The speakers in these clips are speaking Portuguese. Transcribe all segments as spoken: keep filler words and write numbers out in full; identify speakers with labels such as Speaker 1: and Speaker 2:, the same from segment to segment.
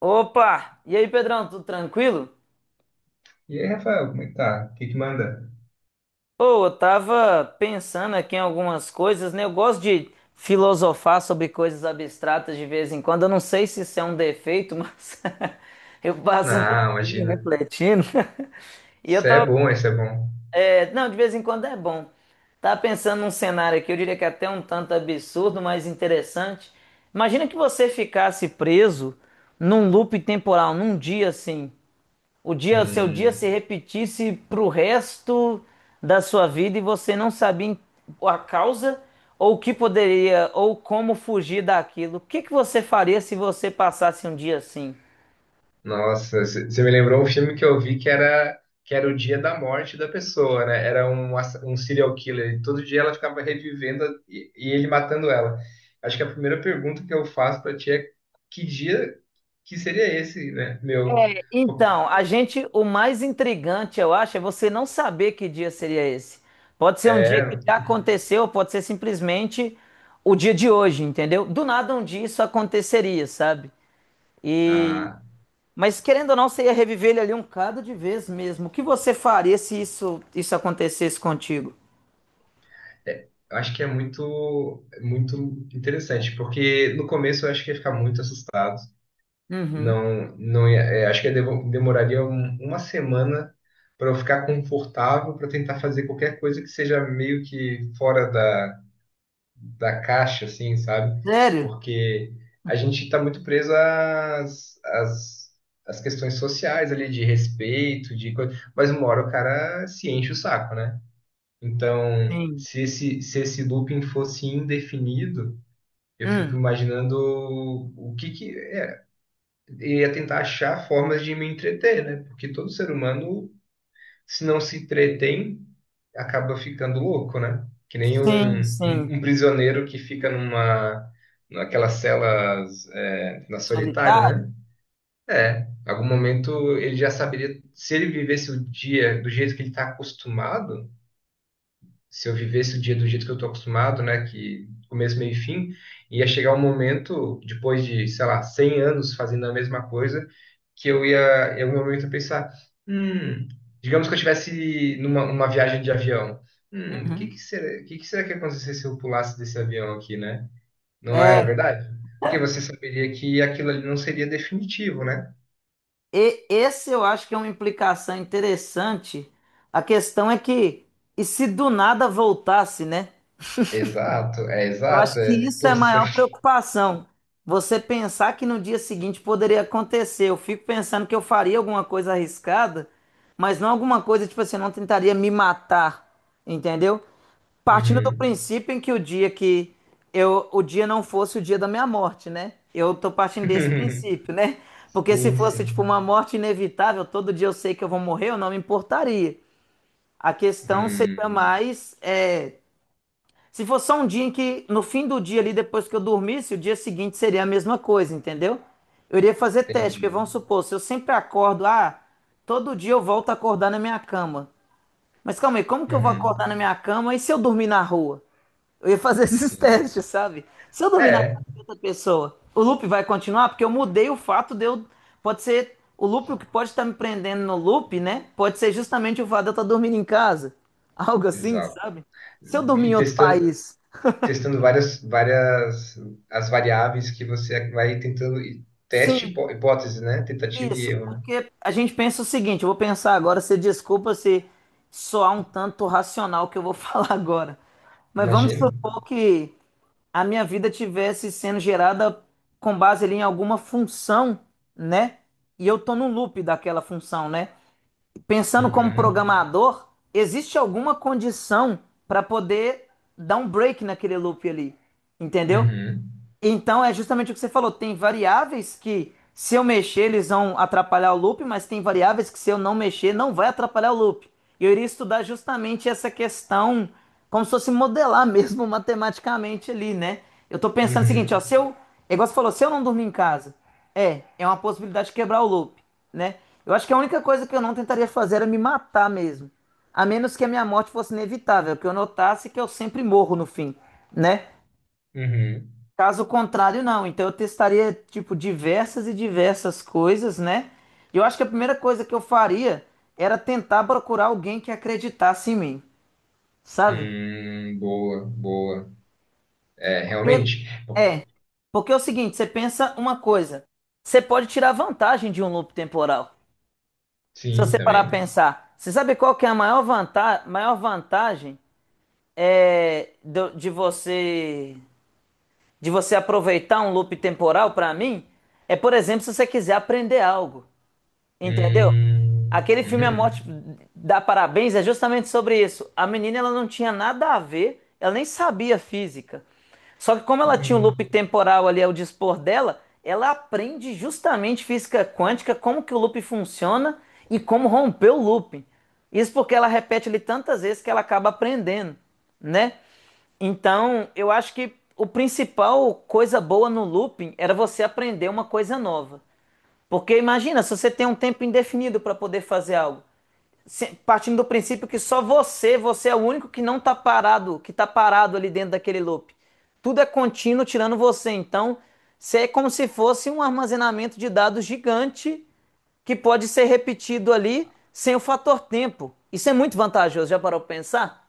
Speaker 1: Opa! E aí, Pedrão, tudo tranquilo?
Speaker 2: E aí, Rafael, como é que tá? O que que manda?
Speaker 1: Pô, eu tava pensando aqui em algumas coisas, né? Eu gosto de filosofar sobre coisas abstratas de vez em quando. Eu não sei se isso é um defeito, mas eu passo um
Speaker 2: Não,
Speaker 1: tempinho
Speaker 2: imagina.
Speaker 1: refletindo. E
Speaker 2: Isso
Speaker 1: eu
Speaker 2: é
Speaker 1: tava.
Speaker 2: bom, isso é bom.
Speaker 1: é, Não, de vez em quando é bom. Tava pensando num cenário aqui, eu diria que é até um tanto absurdo, mas interessante. Imagina que você ficasse preso num loop temporal, num dia assim. O dia, o seu dia se
Speaker 2: Hum,
Speaker 1: repetisse pro resto da sua vida e você não sabia em- a causa ou o que poderia ou como fugir daquilo. O que que você faria se você passasse um dia assim?
Speaker 2: nossa, c- você me lembrou um filme que eu vi que era, que era o dia da morte da pessoa, né? Era um, ass- um serial killer. E todo dia ela ficava revivendo e, e ele matando ela. Acho que a primeira pergunta que eu faço pra ti é que dia que seria esse, né? Meu. Pô,
Speaker 1: Então, a gente, o mais intrigante, eu acho, é você não saber que dia seria esse. Pode ser um dia
Speaker 2: É,
Speaker 1: que já aconteceu, pode ser simplesmente o dia de hoje, entendeu? Do nada um dia isso aconteceria, sabe? E
Speaker 2: ah,
Speaker 1: Mas querendo ou não, você ia reviver ele ali um bocado de vez mesmo. O que você faria se isso, isso acontecesse contigo?
Speaker 2: é, eu acho que é muito, muito interessante, porque no começo eu acho que ia ficar muito assustado.
Speaker 1: Uhum.
Speaker 2: Não, não ia, é, acho que ia devo- demoraria um- uma semana para eu ficar confortável para tentar fazer qualquer coisa que seja meio que fora da, da caixa, assim, sabe?
Speaker 1: Sério?
Speaker 2: Porque a gente está muito preso às, às, às questões sociais ali, de respeito, de coisa, mas uma hora o cara se enche o saco, né? Então,
Speaker 1: Sim.
Speaker 2: se esse, se esse looping fosse indefinido, eu fico
Speaker 1: Hum.
Speaker 2: imaginando o que que e ia tentar achar formas de me entreter, né? Porque todo ser humano, se não se entretém, acaba ficando louco, né? Que nem
Speaker 1: Sim,
Speaker 2: um,
Speaker 1: sim.
Speaker 2: um, um prisioneiro que fica numa naquelas celas, é, na solitária, né?
Speaker 1: Solitário?
Speaker 2: É, em algum momento ele já saberia, se ele vivesse o dia do jeito que ele está acostumado, se eu vivesse o dia do jeito que eu estou acostumado, né, que começo, meio e fim, ia chegar um momento, depois de, sei lá, cem anos fazendo a mesma coisa, que eu ia, em algum momento, eu pensar, hum, digamos que eu estivesse numa uma viagem de avião, hum, o que
Speaker 1: Uhum.
Speaker 2: que será, que que será que ia acontecer se eu pulasse desse avião aqui, né? Não é
Speaker 1: É,
Speaker 2: verdade? Porque você saberia que aquilo ali não seria definitivo, né?
Speaker 1: e- Esse eu acho que é uma implicação interessante. A questão é que, e se do nada voltasse, né?
Speaker 2: Exato, é
Speaker 1: Eu
Speaker 2: exato.
Speaker 1: acho que
Speaker 2: É.
Speaker 1: isso é a
Speaker 2: Poxa.
Speaker 1: maior preocupação. Você pensar que no dia seguinte poderia acontecer. Eu fico pensando que eu faria alguma coisa arriscada, mas não alguma coisa tipo assim, eu não tentaria me matar, entendeu? Partindo do
Speaker 2: Uhum.
Speaker 1: princípio em que o dia que eu, o dia não fosse o dia da minha morte, né? Eu tô partindo desse princípio, né? Porque se
Speaker 2: Sim,
Speaker 1: fosse tipo
Speaker 2: sim.
Speaker 1: uma morte inevitável, todo dia eu sei que eu vou morrer, eu não me importaria. A questão seria
Speaker 2: Hum.
Speaker 1: mais é, se fosse só um dia em que, no fim do dia ali, depois que eu dormisse, o dia seguinte seria a mesma coisa, entendeu? Eu iria fazer teste, porque
Speaker 2: Entendi.
Speaker 1: vamos supor, se eu sempre acordo, ah, todo dia eu volto a acordar na minha cama. Mas calma aí, como que eu vou
Speaker 2: Uhum.
Speaker 1: acordar na minha cama e se eu dormir na rua? Eu ia fazer esses
Speaker 2: Sim.
Speaker 1: testes, sabe? Se eu dormir na
Speaker 2: É,
Speaker 1: casa de outra pessoa, o loop vai continuar? Porque eu mudei o fato de eu. Pode ser. O loop, o que pode estar me prendendo no loop, né? Pode ser justamente o fato de eu estar dormindo em casa. Algo assim,
Speaker 2: exato.
Speaker 1: sabe? Se eu dormir
Speaker 2: E
Speaker 1: em outro
Speaker 2: testando,
Speaker 1: país.
Speaker 2: testando várias, várias as variáveis que você vai tentando. e Teste
Speaker 1: Sim,
Speaker 2: hipó- hipótese, né? Tentativa e
Speaker 1: isso,
Speaker 2: erro, né?
Speaker 1: porque a gente pensa o seguinte, eu vou pensar agora, você desculpa se soar um tanto racional o que eu vou falar agora, mas vamos
Speaker 2: Imagino.
Speaker 1: supor que a minha vida tivesse sendo gerada com base ali em alguma função, né? E eu tô no loop daquela função, né? Pensando como
Speaker 2: Uhum.
Speaker 1: programador, existe alguma condição para poder dar um break naquele loop ali, entendeu?
Speaker 2: Uhum.
Speaker 1: Então é justamente o que você falou. Tem variáveis que, se eu mexer, eles vão atrapalhar o loop, mas tem variáveis que, se eu não mexer, não vai atrapalhar o loop. E eu iria estudar justamente essa questão, como se fosse modelar mesmo matematicamente ali, né? Eu tô pensando o seguinte, ó,
Speaker 2: Uhum.
Speaker 1: se eu, é igual você falou, se eu não dormir em casa, é, é uma possibilidade de quebrar o loop, né? Eu acho que a única coisa que eu não tentaria fazer era me matar mesmo. A menos que a minha morte fosse inevitável, que eu notasse que eu sempre morro no fim, né?
Speaker 2: Uhum.
Speaker 1: Caso contrário, não. Então eu testaria, tipo, diversas e diversas coisas, né? E eu acho que a primeira coisa que eu faria era tentar procurar alguém que acreditasse em mim, sabe?
Speaker 2: Hum, boa, boa. É,
Speaker 1: Porque,
Speaker 2: realmente. Bom,
Speaker 1: é, porque é o seguinte, você pensa uma coisa, você pode tirar vantagem de um loop temporal. Se
Speaker 2: sim,
Speaker 1: você parar a
Speaker 2: também.
Speaker 1: pensar, você sabe qual que é a maior vantagem, maior vantagem é do- de você de você aproveitar um loop temporal para mim? É, por exemplo, se você quiser aprender algo. Entendeu?
Speaker 2: Hum,
Speaker 1: Aquele filme A Morte
Speaker 2: uhum.
Speaker 1: dá Parabéns é justamente sobre isso. A menina ela não tinha nada a ver, ela nem sabia física. Só que como ela tinha um loop
Speaker 2: Hum.
Speaker 1: temporal ali ao dispor dela, ela aprende justamente física quântica, como que o loop funciona e como romper o loop. Isso porque ela repete ele tantas vezes que ela acaba aprendendo, né? Então, eu acho que o principal coisa boa no looping era você aprender uma coisa nova. Porque imagina, se você tem um tempo indefinido para poder fazer algo, se- partindo do princípio que só você, você é o único que não está parado, que está parado ali dentro daquele loop. Tudo é contínuo tirando você. Então, você é como se fosse um armazenamento de dados gigante que pode ser repetido ali sem o fator tempo. Isso é muito vantajoso, já parou para pensar?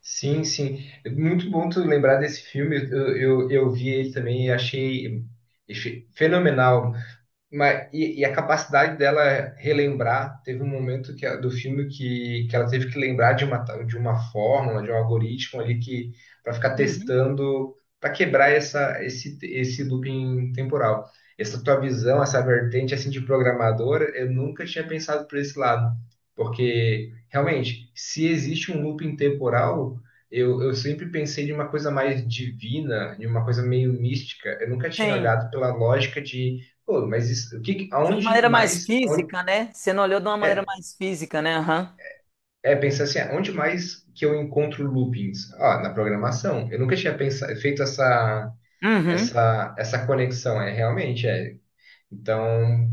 Speaker 2: Sim, sim. É muito bom tu lembrar desse filme. Eu, eu, eu vi ele também e achei, achei fenomenal. Mas, e, e a capacidade dela relembrar, teve um momento que, do filme que, que ela teve que lembrar de uma, de uma fórmula, de um algoritmo ali que para ficar testando, para quebrar essa, esse, esse looping temporal. Essa tua visão, essa vertente assim de programadora eu nunca tinha pensado por esse lado. Porque realmente, se existe um looping temporal, eu, eu sempre pensei de uma coisa mais divina, de uma coisa meio mística. Eu nunca tinha
Speaker 1: Sim,
Speaker 2: olhado pela lógica de. Pô, mas isso, o que,
Speaker 1: de uma
Speaker 2: aonde
Speaker 1: maneira mais
Speaker 2: mais, aonde-
Speaker 1: física, né? Você não olhou de uma maneira
Speaker 2: é,
Speaker 1: mais física, né? Aham.
Speaker 2: é pensar assim, aonde mais que eu encontro loopings? Ah, na programação. Eu nunca tinha pensado, feito essa,
Speaker 1: Uhum.
Speaker 2: essa, essa conexão, é realmente, é. Então,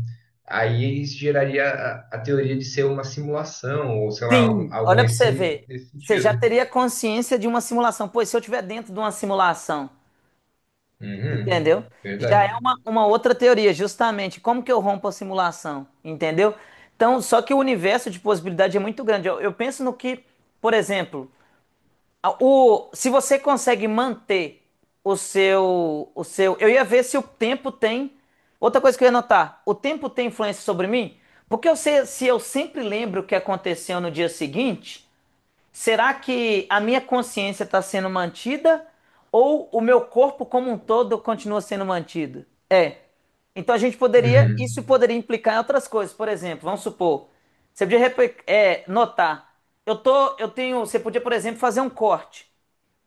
Speaker 2: aí isso geraria a, a teoria de ser uma simulação, ou sei lá, algo,
Speaker 1: Sim,
Speaker 2: algo
Speaker 1: olha para você
Speaker 2: nesse,
Speaker 1: ver.
Speaker 2: nesse
Speaker 1: Você já
Speaker 2: sentido.
Speaker 1: teria consciência de uma simulação. Pois se eu estiver dentro de uma simulação,
Speaker 2: Uhum,
Speaker 1: entendeu? Já
Speaker 2: verdade.
Speaker 1: é uma, uma outra teoria, justamente. Como que eu rompo a simulação, entendeu? Então, só que o universo de possibilidade é muito grande. Eu, eu penso no que, por exemplo, a- o, se você consegue manter o seu, o seu. Eu ia ver se o tempo tem. Outra coisa que eu ia notar: o tempo tem influência sobre mim? Porque eu sei, se eu sempre lembro o que aconteceu no dia seguinte. Será que a minha consciência está sendo mantida ou o meu corpo como um todo continua sendo mantido? É. Então a gente poderia,
Speaker 2: Uhum,
Speaker 1: isso poderia implicar em outras coisas. Por exemplo, vamos supor, você podia repe- é, notar, eu tô, eu tenho, você podia, por exemplo, fazer um corte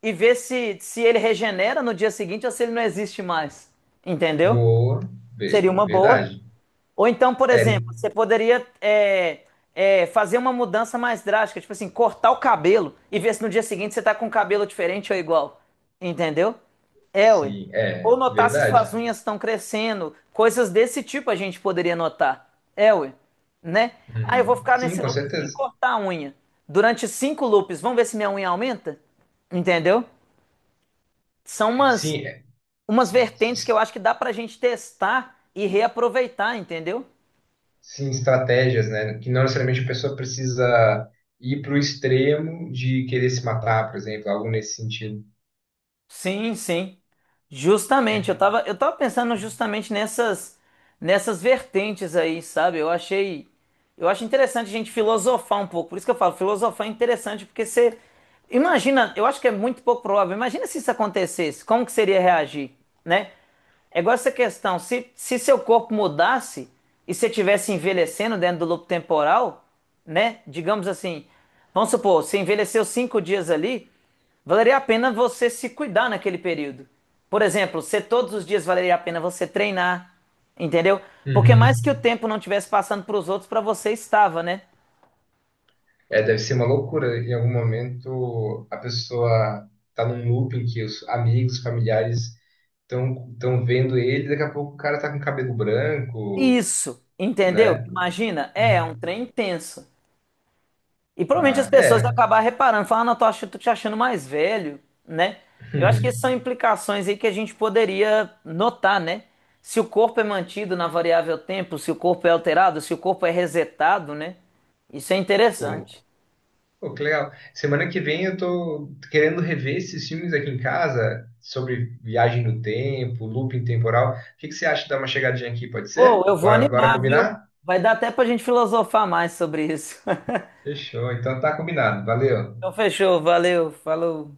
Speaker 1: e ver se, se ele regenera no dia seguinte ou se ele não existe mais. Entendeu?
Speaker 2: boa, ve-
Speaker 1: Seria uma boa.
Speaker 2: verdade.
Speaker 1: Ou então, por
Speaker 2: É,
Speaker 1: exemplo, você poderia é, é, fazer uma mudança mais drástica, tipo assim, cortar o cabelo e ver se no dia seguinte você tá com o cabelo diferente ou igual. Entendeu? É, ué.
Speaker 2: sim, é,
Speaker 1: Ou notar se suas
Speaker 2: verdade.
Speaker 1: unhas estão crescendo, coisas desse tipo a gente poderia notar. É, ué. Né? Ah, eu vou
Speaker 2: Uhum.
Speaker 1: ficar
Speaker 2: Sim,
Speaker 1: nesse
Speaker 2: com
Speaker 1: loop sem
Speaker 2: certeza.
Speaker 1: cortar a unha. Durante cinco loops, vamos ver se minha unha aumenta? Entendeu? São umas,
Speaker 2: Sim,
Speaker 1: umas vertentes que eu
Speaker 2: é,
Speaker 1: acho que dá pra gente testar e reaproveitar, entendeu?
Speaker 2: sim, estratégias, né? Que não necessariamente a pessoa precisa ir para o extremo de querer se matar, por exemplo, algo nesse sentido.
Speaker 1: Sim, sim. Justamente, eu tava, eu tava pensando justamente nessas nessas vertentes aí, sabe? Eu achei eu acho interessante a gente filosofar um pouco. Por isso que eu falo, filosofar é interessante porque você imagina, eu acho que é muito pouco provável. Imagina se isso acontecesse, como que seria reagir, né? É igual essa questão. Se, se seu corpo mudasse e você estivesse envelhecendo dentro do loop temporal, né? Digamos assim, vamos supor, você envelheceu cinco dias ali, valeria a pena você se cuidar naquele período. Por exemplo, se todos os dias valeria a pena você treinar, entendeu? Porque mais que o
Speaker 2: Uhum.
Speaker 1: tempo não estivesse passando para os outros, para você estava, né?
Speaker 2: É, deve ser uma loucura. Em algum momento a pessoa tá num looping que os amigos, familiares estão estão vendo ele, daqui a pouco o cara tá com cabelo branco,
Speaker 1: Isso, entendeu?
Speaker 2: né?
Speaker 1: Imagina, é, é
Speaker 2: Uhum.
Speaker 1: um trem intenso. E provavelmente as
Speaker 2: Ah,
Speaker 1: pessoas vão
Speaker 2: é.
Speaker 1: acabar reparando, falando, ah, não, tô ach- tô te achando mais velho, né? Eu acho que essas são implicações aí que a gente poderia notar, né? Se o corpo é mantido na variável tempo, se o corpo é alterado, se o corpo é resetado, né? Isso é
Speaker 2: Pô.
Speaker 1: interessante.
Speaker 2: Pô, que legal. Semana que vem eu tô querendo rever esses filmes aqui em casa sobre viagem no tempo, looping temporal. O que que você acha de dar uma chegadinha aqui? Pode ser?
Speaker 1: Pô, eu vou
Speaker 2: Bora, bora
Speaker 1: animar, viu?
Speaker 2: combinar?
Speaker 1: Vai dar até pra gente filosofar mais sobre isso.
Speaker 2: Fechou. Então tá combinado. Valeu.
Speaker 1: Então fechou, valeu, falou.